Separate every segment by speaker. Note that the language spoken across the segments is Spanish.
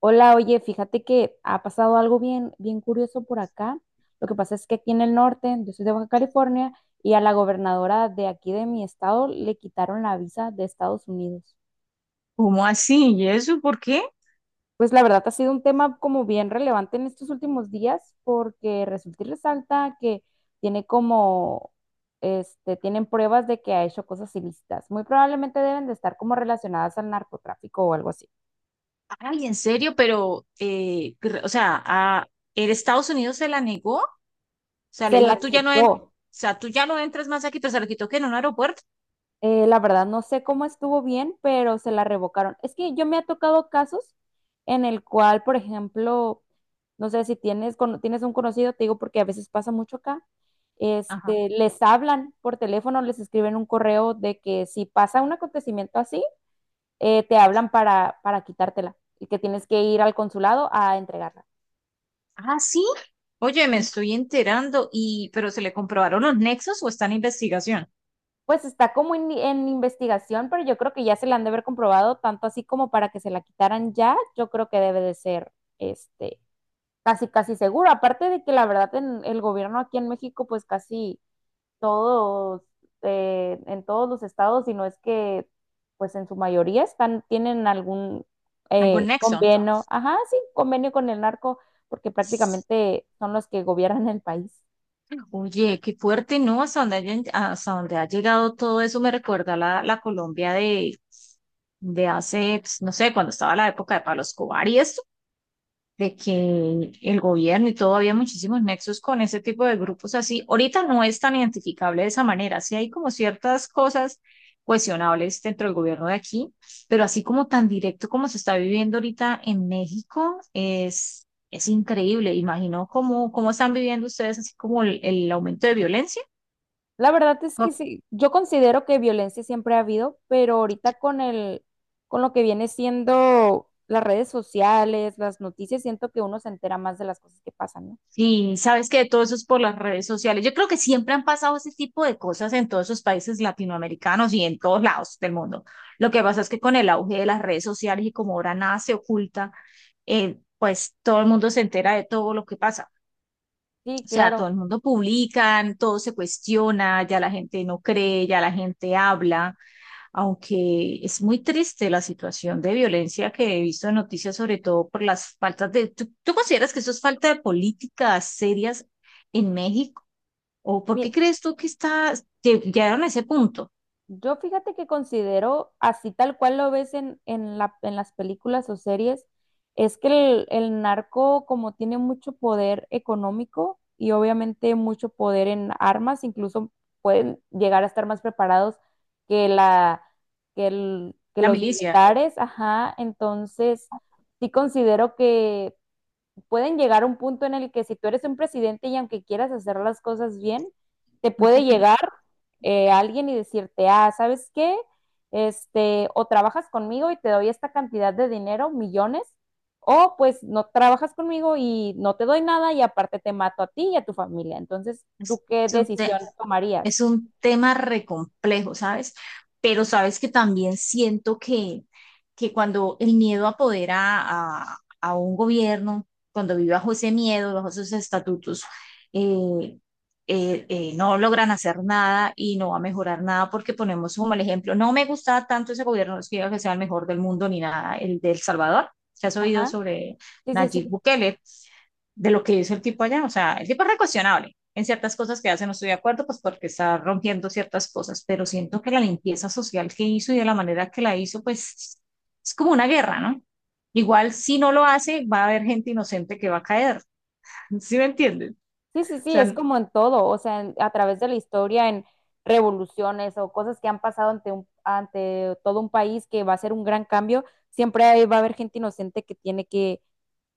Speaker 1: Hola, oye, fíjate que ha pasado algo bien, bien curioso por acá. Lo que pasa es que aquí en el norte, yo soy de Baja California, y a la gobernadora de aquí de mi estado le quitaron la visa de Estados Unidos.
Speaker 2: ¿Cómo así? ¿Y eso por qué?
Speaker 1: Pues la verdad ha sido un tema como bien relevante en estos últimos días porque resulta y resalta que tiene como, tienen pruebas de que ha hecho cosas ilícitas. Muy probablemente deben de estar como relacionadas al narcotráfico o algo así.
Speaker 2: Ay, en serio, pero, o sea, ¿el Estados Unidos se la negó? O sea, le
Speaker 1: Se la
Speaker 2: dijo, tú ya no, o
Speaker 1: quitó.
Speaker 2: sea, tú ya no entras más aquí, pero se lo quitó que en un aeropuerto.
Speaker 1: La verdad, no sé cómo estuvo bien, pero se la revocaron. Es que yo me ha tocado casos en el cual, por ejemplo, no sé si tienes un conocido, te digo porque a veces pasa mucho acá,
Speaker 2: Ajá.
Speaker 1: les hablan por teléfono, les escriben un correo de que si pasa un acontecimiento así, te hablan para quitártela y que tienes que ir al consulado a entregarla.
Speaker 2: Ah, sí. Oye, me estoy enterando, pero ¿se le comprobaron los nexos o está en investigación?
Speaker 1: Pues está como en investigación, pero yo creo que ya se la han de haber comprobado, tanto así como para que se la quitaran ya, yo creo que debe de ser este casi casi seguro. Aparte de que la verdad en el gobierno aquí en México, pues casi todos, en todos los estados, si no es que pues en su mayoría tienen algún
Speaker 2: ¿Algún nexo?
Speaker 1: convenio, ajá, sí, convenio con el narco, porque prácticamente son los que gobiernan el país.
Speaker 2: Oye, qué fuerte, ¿no? Hasta donde ha llegado todo eso me recuerda la Colombia de hace, pues, no sé, cuando estaba la época de Pablo Escobar y esto, de que el gobierno y todo había muchísimos nexos con ese tipo de grupos así. Ahorita no es tan identificable de esa manera, sí hay como ciertas cosas cuestionables dentro del gobierno de aquí, pero así como tan directo como se está viviendo ahorita en México, es increíble. Imagino cómo están viviendo ustedes así como el aumento de violencia.
Speaker 1: La verdad es que
Speaker 2: No.
Speaker 1: sí, yo considero que violencia siempre ha habido, pero ahorita con lo que viene siendo las redes sociales, las noticias, siento que uno se entera más de las cosas que pasan, ¿no?
Speaker 2: Sí, sabes que todo eso es por las redes sociales. Yo creo que siempre han pasado ese tipo de cosas en todos esos países latinoamericanos y en todos lados del mundo. Lo que pasa es que con el auge de las redes sociales y como ahora nada se oculta, pues todo el mundo se entera de todo lo que pasa.
Speaker 1: Sí,
Speaker 2: O sea, todo
Speaker 1: claro.
Speaker 2: el mundo publica, todo se cuestiona, ya la gente no cree, ya la gente habla aunque es muy triste la situación de violencia que he visto en noticias, sobre todo por las faltas de. ¿Tú consideras que eso es falta de políticas serias en México? ¿O por qué
Speaker 1: Mi-
Speaker 2: crees tú que está, que llegaron a ese punto?
Speaker 1: Yo fíjate que considero, así tal cual lo ves en en las películas o series, es que el narco como tiene mucho poder económico y obviamente mucho poder en armas, incluso pueden llegar a estar más preparados que la, que
Speaker 2: La
Speaker 1: los
Speaker 2: milicia,
Speaker 1: militares, ajá, entonces sí considero que pueden llegar a un punto en el que si tú eres un presidente y aunque quieras hacer las cosas bien, te
Speaker 2: muy
Speaker 1: puede
Speaker 2: complicado.
Speaker 1: llegar alguien y decirte, ah, ¿sabes qué? O trabajas conmigo y te doy esta cantidad de dinero, millones, o pues no trabajas conmigo y no te doy nada y aparte te mato a ti y a tu familia. Entonces, ¿tú qué decisión
Speaker 2: Es
Speaker 1: tomarías?
Speaker 2: un tema re complejo, ¿sabes? Pero sabes que también siento que cuando el miedo apodera a un gobierno, cuando vive bajo ese miedo, bajo esos estatutos, eh, no logran hacer nada y no va a mejorar nada porque ponemos como el ejemplo, no me gustaba tanto ese gobierno, no es que diga que sea el mejor del mundo ni nada, el de El Salvador. ¿Se has oído
Speaker 1: Ajá.
Speaker 2: sobre
Speaker 1: Sí, sí,
Speaker 2: Nayib
Speaker 1: sí.
Speaker 2: Bukele? De lo que hizo el tipo allá. O sea, el tipo es recuestionable. En ciertas cosas que hace no estoy de acuerdo, pues porque está rompiendo ciertas cosas, pero siento que la limpieza social que hizo y de la manera que la hizo, pues es como una guerra, ¿no? Igual si no lo hace, va a haber gente inocente que va a caer. ¿Sí me entiendes?
Speaker 1: Sí, sí,
Speaker 2: O
Speaker 1: sí, es
Speaker 2: sea,
Speaker 1: como en todo, o sea, a través de la historia, en revoluciones o cosas que han pasado ante todo un país que va a ser un gran cambio, siempre ahí va a haber gente inocente que tiene que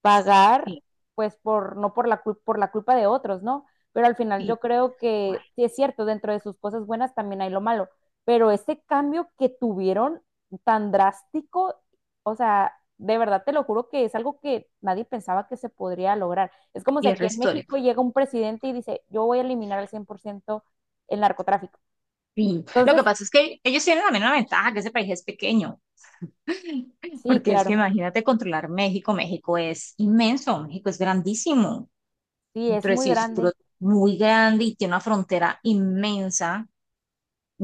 Speaker 1: pagar,
Speaker 2: sí,
Speaker 1: pues por, no por la, cul- por la culpa de otros, ¿no? Pero al final
Speaker 2: sí,
Speaker 1: yo creo
Speaker 2: ay,
Speaker 1: que sí es cierto, dentro de sus cosas buenas también hay lo malo, pero ese cambio que tuvieron tan drástico, o sea, de verdad te lo juro que es algo que nadie pensaba que se podría lograr. Es como si
Speaker 2: hierro
Speaker 1: aquí en
Speaker 2: histórico.
Speaker 1: México llega un presidente y dice, yo voy a eliminar al 100% el narcotráfico.
Speaker 2: Sí. Lo que
Speaker 1: Entonces,
Speaker 2: pasa es que ellos tienen también una ventaja, que ese país es pequeño,
Speaker 1: sí,
Speaker 2: porque es que
Speaker 1: claro,
Speaker 2: imagínate controlar México, México es inmenso, México es grandísimo,
Speaker 1: sí,
Speaker 2: un
Speaker 1: es muy
Speaker 2: puro
Speaker 1: grande.
Speaker 2: muy grande y tiene una frontera inmensa,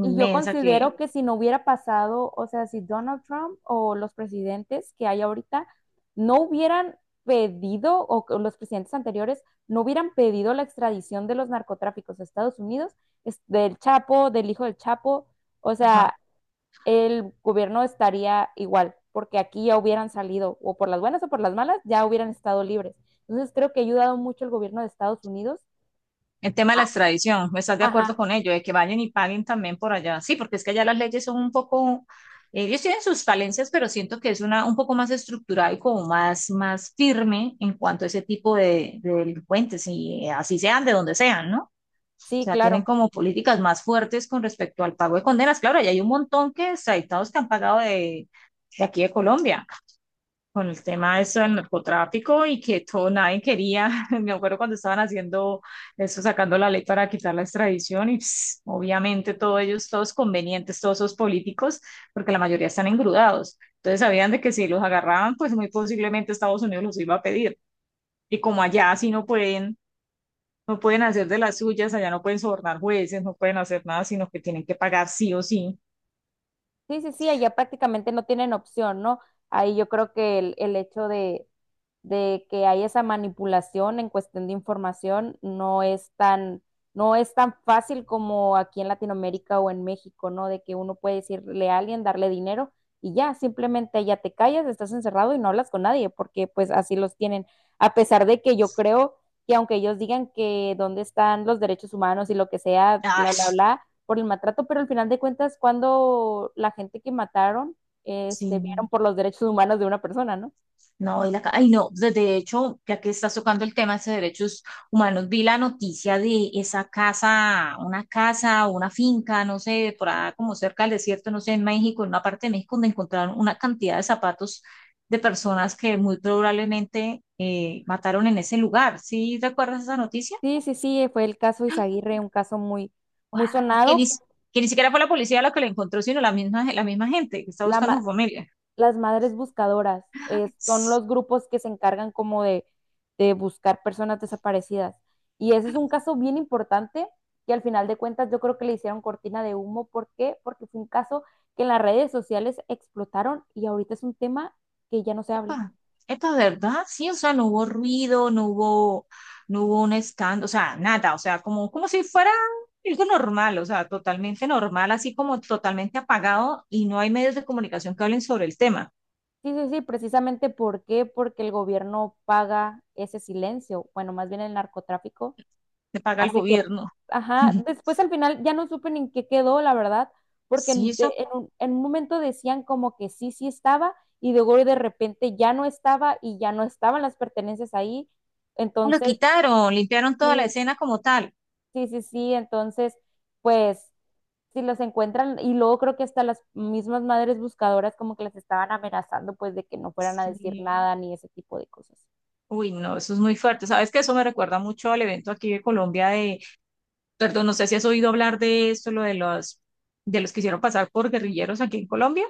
Speaker 1: Y yo
Speaker 2: que,
Speaker 1: considero que si no hubiera pasado, o sea, si Donald Trump o los presidentes que hay ahorita no hubieran pedido, o los presidentes anteriores no hubieran pedido la extradición de los narcotráficos a Estados Unidos, del Chapo, del hijo del Chapo, o
Speaker 2: ajá.
Speaker 1: sea, el gobierno estaría igual, porque aquí ya hubieran salido, o por las buenas o por las malas, ya hubieran estado libres. Entonces creo que ha ayudado mucho el gobierno de Estados Unidos.
Speaker 2: El tema de
Speaker 1: Ah,
Speaker 2: la extradición, ¿no? ¿Estás de
Speaker 1: ajá,
Speaker 2: acuerdo con ello? De que vayan y paguen también por allá. Sí, porque es que allá las leyes son un poco, ellos tienen sus falencias, pero siento que es una un poco más estructurada y como más, más firme en cuanto a ese tipo de delincuentes, y así sean de donde sean, ¿no? O
Speaker 1: sí,
Speaker 2: sea, tienen
Speaker 1: claro.
Speaker 2: como políticas más fuertes con respecto al pago de condenas. Extraditados. Claro, ya hay un montón que Extraditados que han pagado de, aquí de Colombia, con el tema de eso del narcotráfico y que todo nadie quería. Me acuerdo cuando estaban haciendo eso, sacando la ley para quitar la extradición y obviamente todos ellos, todos convenientes, todos esos políticos, porque la mayoría están engrudados. Entonces sabían de que si los agarraban, pues muy posiblemente Estados Unidos los iba a pedir. Y como allá sí no pueden, no pueden hacer de las suyas, allá no pueden sobornar jueces, no pueden hacer nada, sino que tienen que pagar sí o sí.
Speaker 1: Sí, sí, sí, allá prácticamente no tienen opción, ¿no? Ahí yo creo que el hecho de que hay esa manipulación en cuestión de información, no es tan fácil como aquí en Latinoamérica o en México, ¿no? De que uno puede decirle a alguien, darle dinero y ya, simplemente ya te callas, estás encerrado y no hablas con nadie, porque pues así los tienen. A pesar de que yo creo que aunque ellos digan que dónde están los derechos humanos y lo que sea,
Speaker 2: Ah,
Speaker 1: bla, bla, bla, por el maltrato, pero al final de cuentas, cuando la gente que mataron, vieron
Speaker 2: sí.
Speaker 1: por los derechos humanos de una persona, ¿no?
Speaker 2: No, y la ay, no, de hecho, ya que estás tocando el tema ese de derechos humanos, vi la noticia de esa casa, una finca, no sé, por allá como cerca del desierto, no sé, en México, en una parte de México, donde encontraron una cantidad de zapatos de personas que muy probablemente mataron en ese lugar. ¿Sí recuerdas esa noticia?
Speaker 1: Sí, sí, sí, fue el caso Izaguirre, un caso muy,
Speaker 2: ¡Guau!
Speaker 1: muy
Speaker 2: No, Que
Speaker 1: sonado.
Speaker 2: ni, si- que ni siquiera fue la policía la que la encontró, sino la misma gente que está
Speaker 1: La
Speaker 2: buscando a
Speaker 1: ma-
Speaker 2: su familia.
Speaker 1: las madres buscadoras son los grupos que se encargan como de buscar personas desaparecidas. Y ese es un caso bien importante que al final de cuentas yo creo que le hicieron cortina de humo. ¿Por qué? Porque fue un caso que en las redes sociales explotaron y ahorita es un tema que ya no se habla.
Speaker 2: Ah, esto es verdad, sí, o sea, no hubo ruido, no hubo un escándalo, o sea, nada, o sea, como, como si fuera algo normal, o sea, totalmente normal, así como totalmente apagado y no hay medios de comunicación que hablen sobre el tema,
Speaker 1: Sí, sí, sí, precisamente, ¿por qué? Porque el gobierno paga ese silencio, bueno, más bien el narcotráfico
Speaker 2: se paga el
Speaker 1: hace que,
Speaker 2: gobierno.
Speaker 1: ajá, después al final ya no supe ni en qué quedó, la verdad, porque
Speaker 2: Sí, eso.
Speaker 1: en un momento decían como que sí, sí estaba, y luego de repente ya no estaba y ya no estaban las pertenencias ahí.
Speaker 2: Ah, lo
Speaker 1: Entonces,
Speaker 2: quitaron, limpiaron toda la
Speaker 1: sí,
Speaker 2: escena como tal.
Speaker 1: sí, sí, sí, entonces, pues, si los encuentran, y luego creo que hasta las mismas madres buscadoras como que las estaban amenazando, pues, de que no fueran a decir
Speaker 2: Sí.
Speaker 1: nada ni ese tipo de cosas.
Speaker 2: Uy, no, eso es muy fuerte. Sabes que eso me recuerda mucho al evento aquí de Colombia perdón, no sé si has oído hablar de esto, lo de los que hicieron pasar por guerrilleros aquí en Colombia.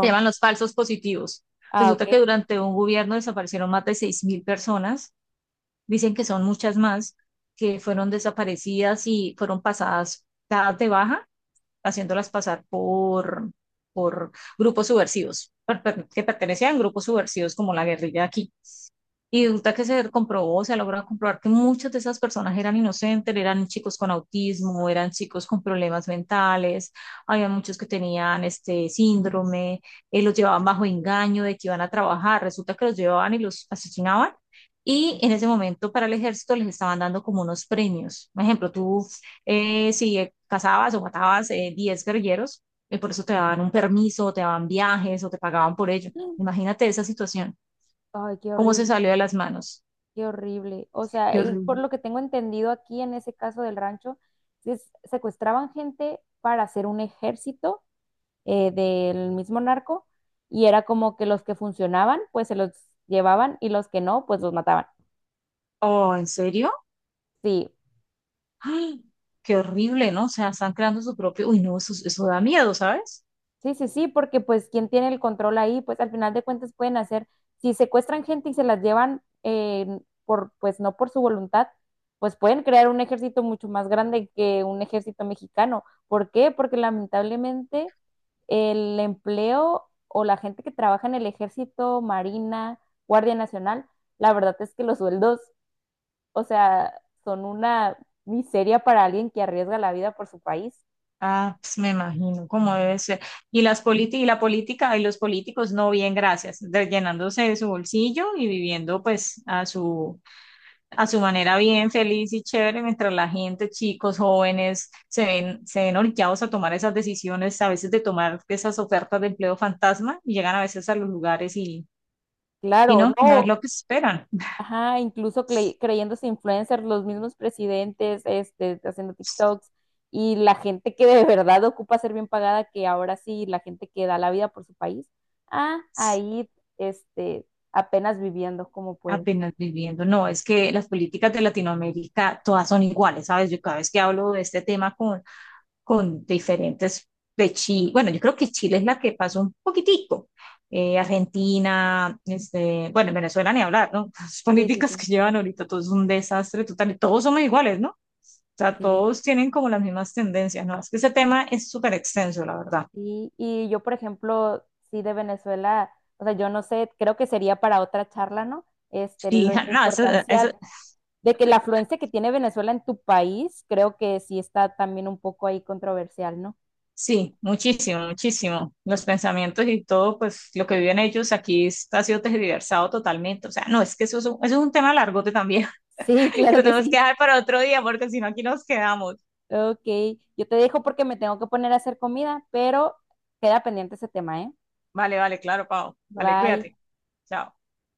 Speaker 2: Se llaman los falsos positivos.
Speaker 1: Ah, ok.
Speaker 2: Resulta que durante un gobierno desaparecieron más de 6.000 personas, dicen que son muchas más, que fueron desaparecidas y fueron pasadas, dadas de baja, haciéndolas pasar por grupos subversivos, que pertenecían a grupos subversivos como la guerrilla aquí. Y resulta que se comprobó, se logra comprobar que muchas de esas personas eran inocentes, eran chicos con autismo, eran chicos con problemas mentales, había muchos que tenían este síndrome, los llevaban bajo engaño de que iban a trabajar, resulta que los llevaban y los asesinaban. Y en ese momento para el ejército les estaban dando como unos premios. Por ejemplo, tú si cazabas o matabas 10 guerrilleros, y por eso te daban un permiso, te daban viajes o te pagaban por ello. Imagínate esa situación,
Speaker 1: Ay, qué
Speaker 2: cómo se
Speaker 1: horrible.
Speaker 2: salió de las manos.
Speaker 1: Qué horrible. O sea,
Speaker 2: Qué
Speaker 1: y por
Speaker 2: horrible.
Speaker 1: lo que tengo entendido aquí en ese caso del rancho, si secuestraban gente para hacer un ejército del mismo narco y era como que los que funcionaban, pues se los llevaban y los que no, pues los mataban.
Speaker 2: Oh, ¿en serio?
Speaker 1: Sí,
Speaker 2: ¡Ay! Qué horrible, ¿no? O sea, están creando su propio. Uy, no, eso da miedo, ¿sabes?
Speaker 1: sí, sí, sí, porque pues quién tiene el control ahí, pues al final de cuentas pueden hacer, si secuestran gente y se las llevan por, pues no por su voluntad, pues pueden crear un ejército mucho más grande que un ejército mexicano. ¿Por qué? Porque lamentablemente el empleo o la gente que trabaja en el ejército, Marina, Guardia Nacional, la verdad es que los sueldos, o sea, son una miseria para alguien que arriesga la vida por su país.
Speaker 2: Ah, pues me imagino cómo debe ser. Y las políticas, y la política, y los políticos, no, bien, gracias, llenándose de su bolsillo y viviendo pues a su, manera bien, feliz y chévere, mientras la gente, chicos, jóvenes, se ven orillados a tomar esas decisiones, a veces de tomar esas ofertas de empleo fantasma, y llegan a veces a los lugares y
Speaker 1: Claro,
Speaker 2: no, no es
Speaker 1: no,
Speaker 2: lo que esperan.
Speaker 1: ajá, incluso creyéndose influencers, los mismos presidentes, haciendo TikToks y la gente que de verdad ocupa ser bien pagada, que ahora sí, la gente que da la vida por su país, ah, ahí, este, apenas viviendo como pueden.
Speaker 2: Apenas viviendo. No, es que las políticas de Latinoamérica todas son iguales, ¿sabes? Yo cada vez que hablo de este tema con diferentes de Chile, bueno, yo creo que Chile es la que pasó un poquitico. Argentina, este, bueno, en Venezuela ni hablar, ¿no? Las
Speaker 1: Sí, sí,
Speaker 2: políticas
Speaker 1: sí,
Speaker 2: que llevan ahorita, todo es un desastre total, todos somos iguales, ¿no? O sea,
Speaker 1: sí,
Speaker 2: todos tienen como las mismas tendencias, ¿no? Es que ese tema es súper extenso, la verdad.
Speaker 1: sí. Y yo, por ejemplo, sí de Venezuela, o sea, yo no sé, creo que sería para otra charla, ¿no?
Speaker 2: Sí,
Speaker 1: La
Speaker 2: no, eso.
Speaker 1: importancia de que la afluencia que tiene Venezuela en tu país, creo que sí está también un poco ahí controversial, ¿no?
Speaker 2: Sí, muchísimo, muchísimo. Los pensamientos y todo, pues lo que viven ellos aquí está, ha sido tergiversado totalmente. O sea, no, es que eso es un, tema largote también,
Speaker 1: Sí,
Speaker 2: que
Speaker 1: claro
Speaker 2: lo
Speaker 1: que
Speaker 2: tenemos que
Speaker 1: sí.
Speaker 2: dejar para otro día, porque si no, aquí nos quedamos.
Speaker 1: Ok, yo te dejo porque me tengo que poner a hacer comida, pero queda pendiente ese tema, ¿eh?
Speaker 2: Vale, vale, claro, Pau. Vale,
Speaker 1: Bye.
Speaker 2: cuídate. Chao.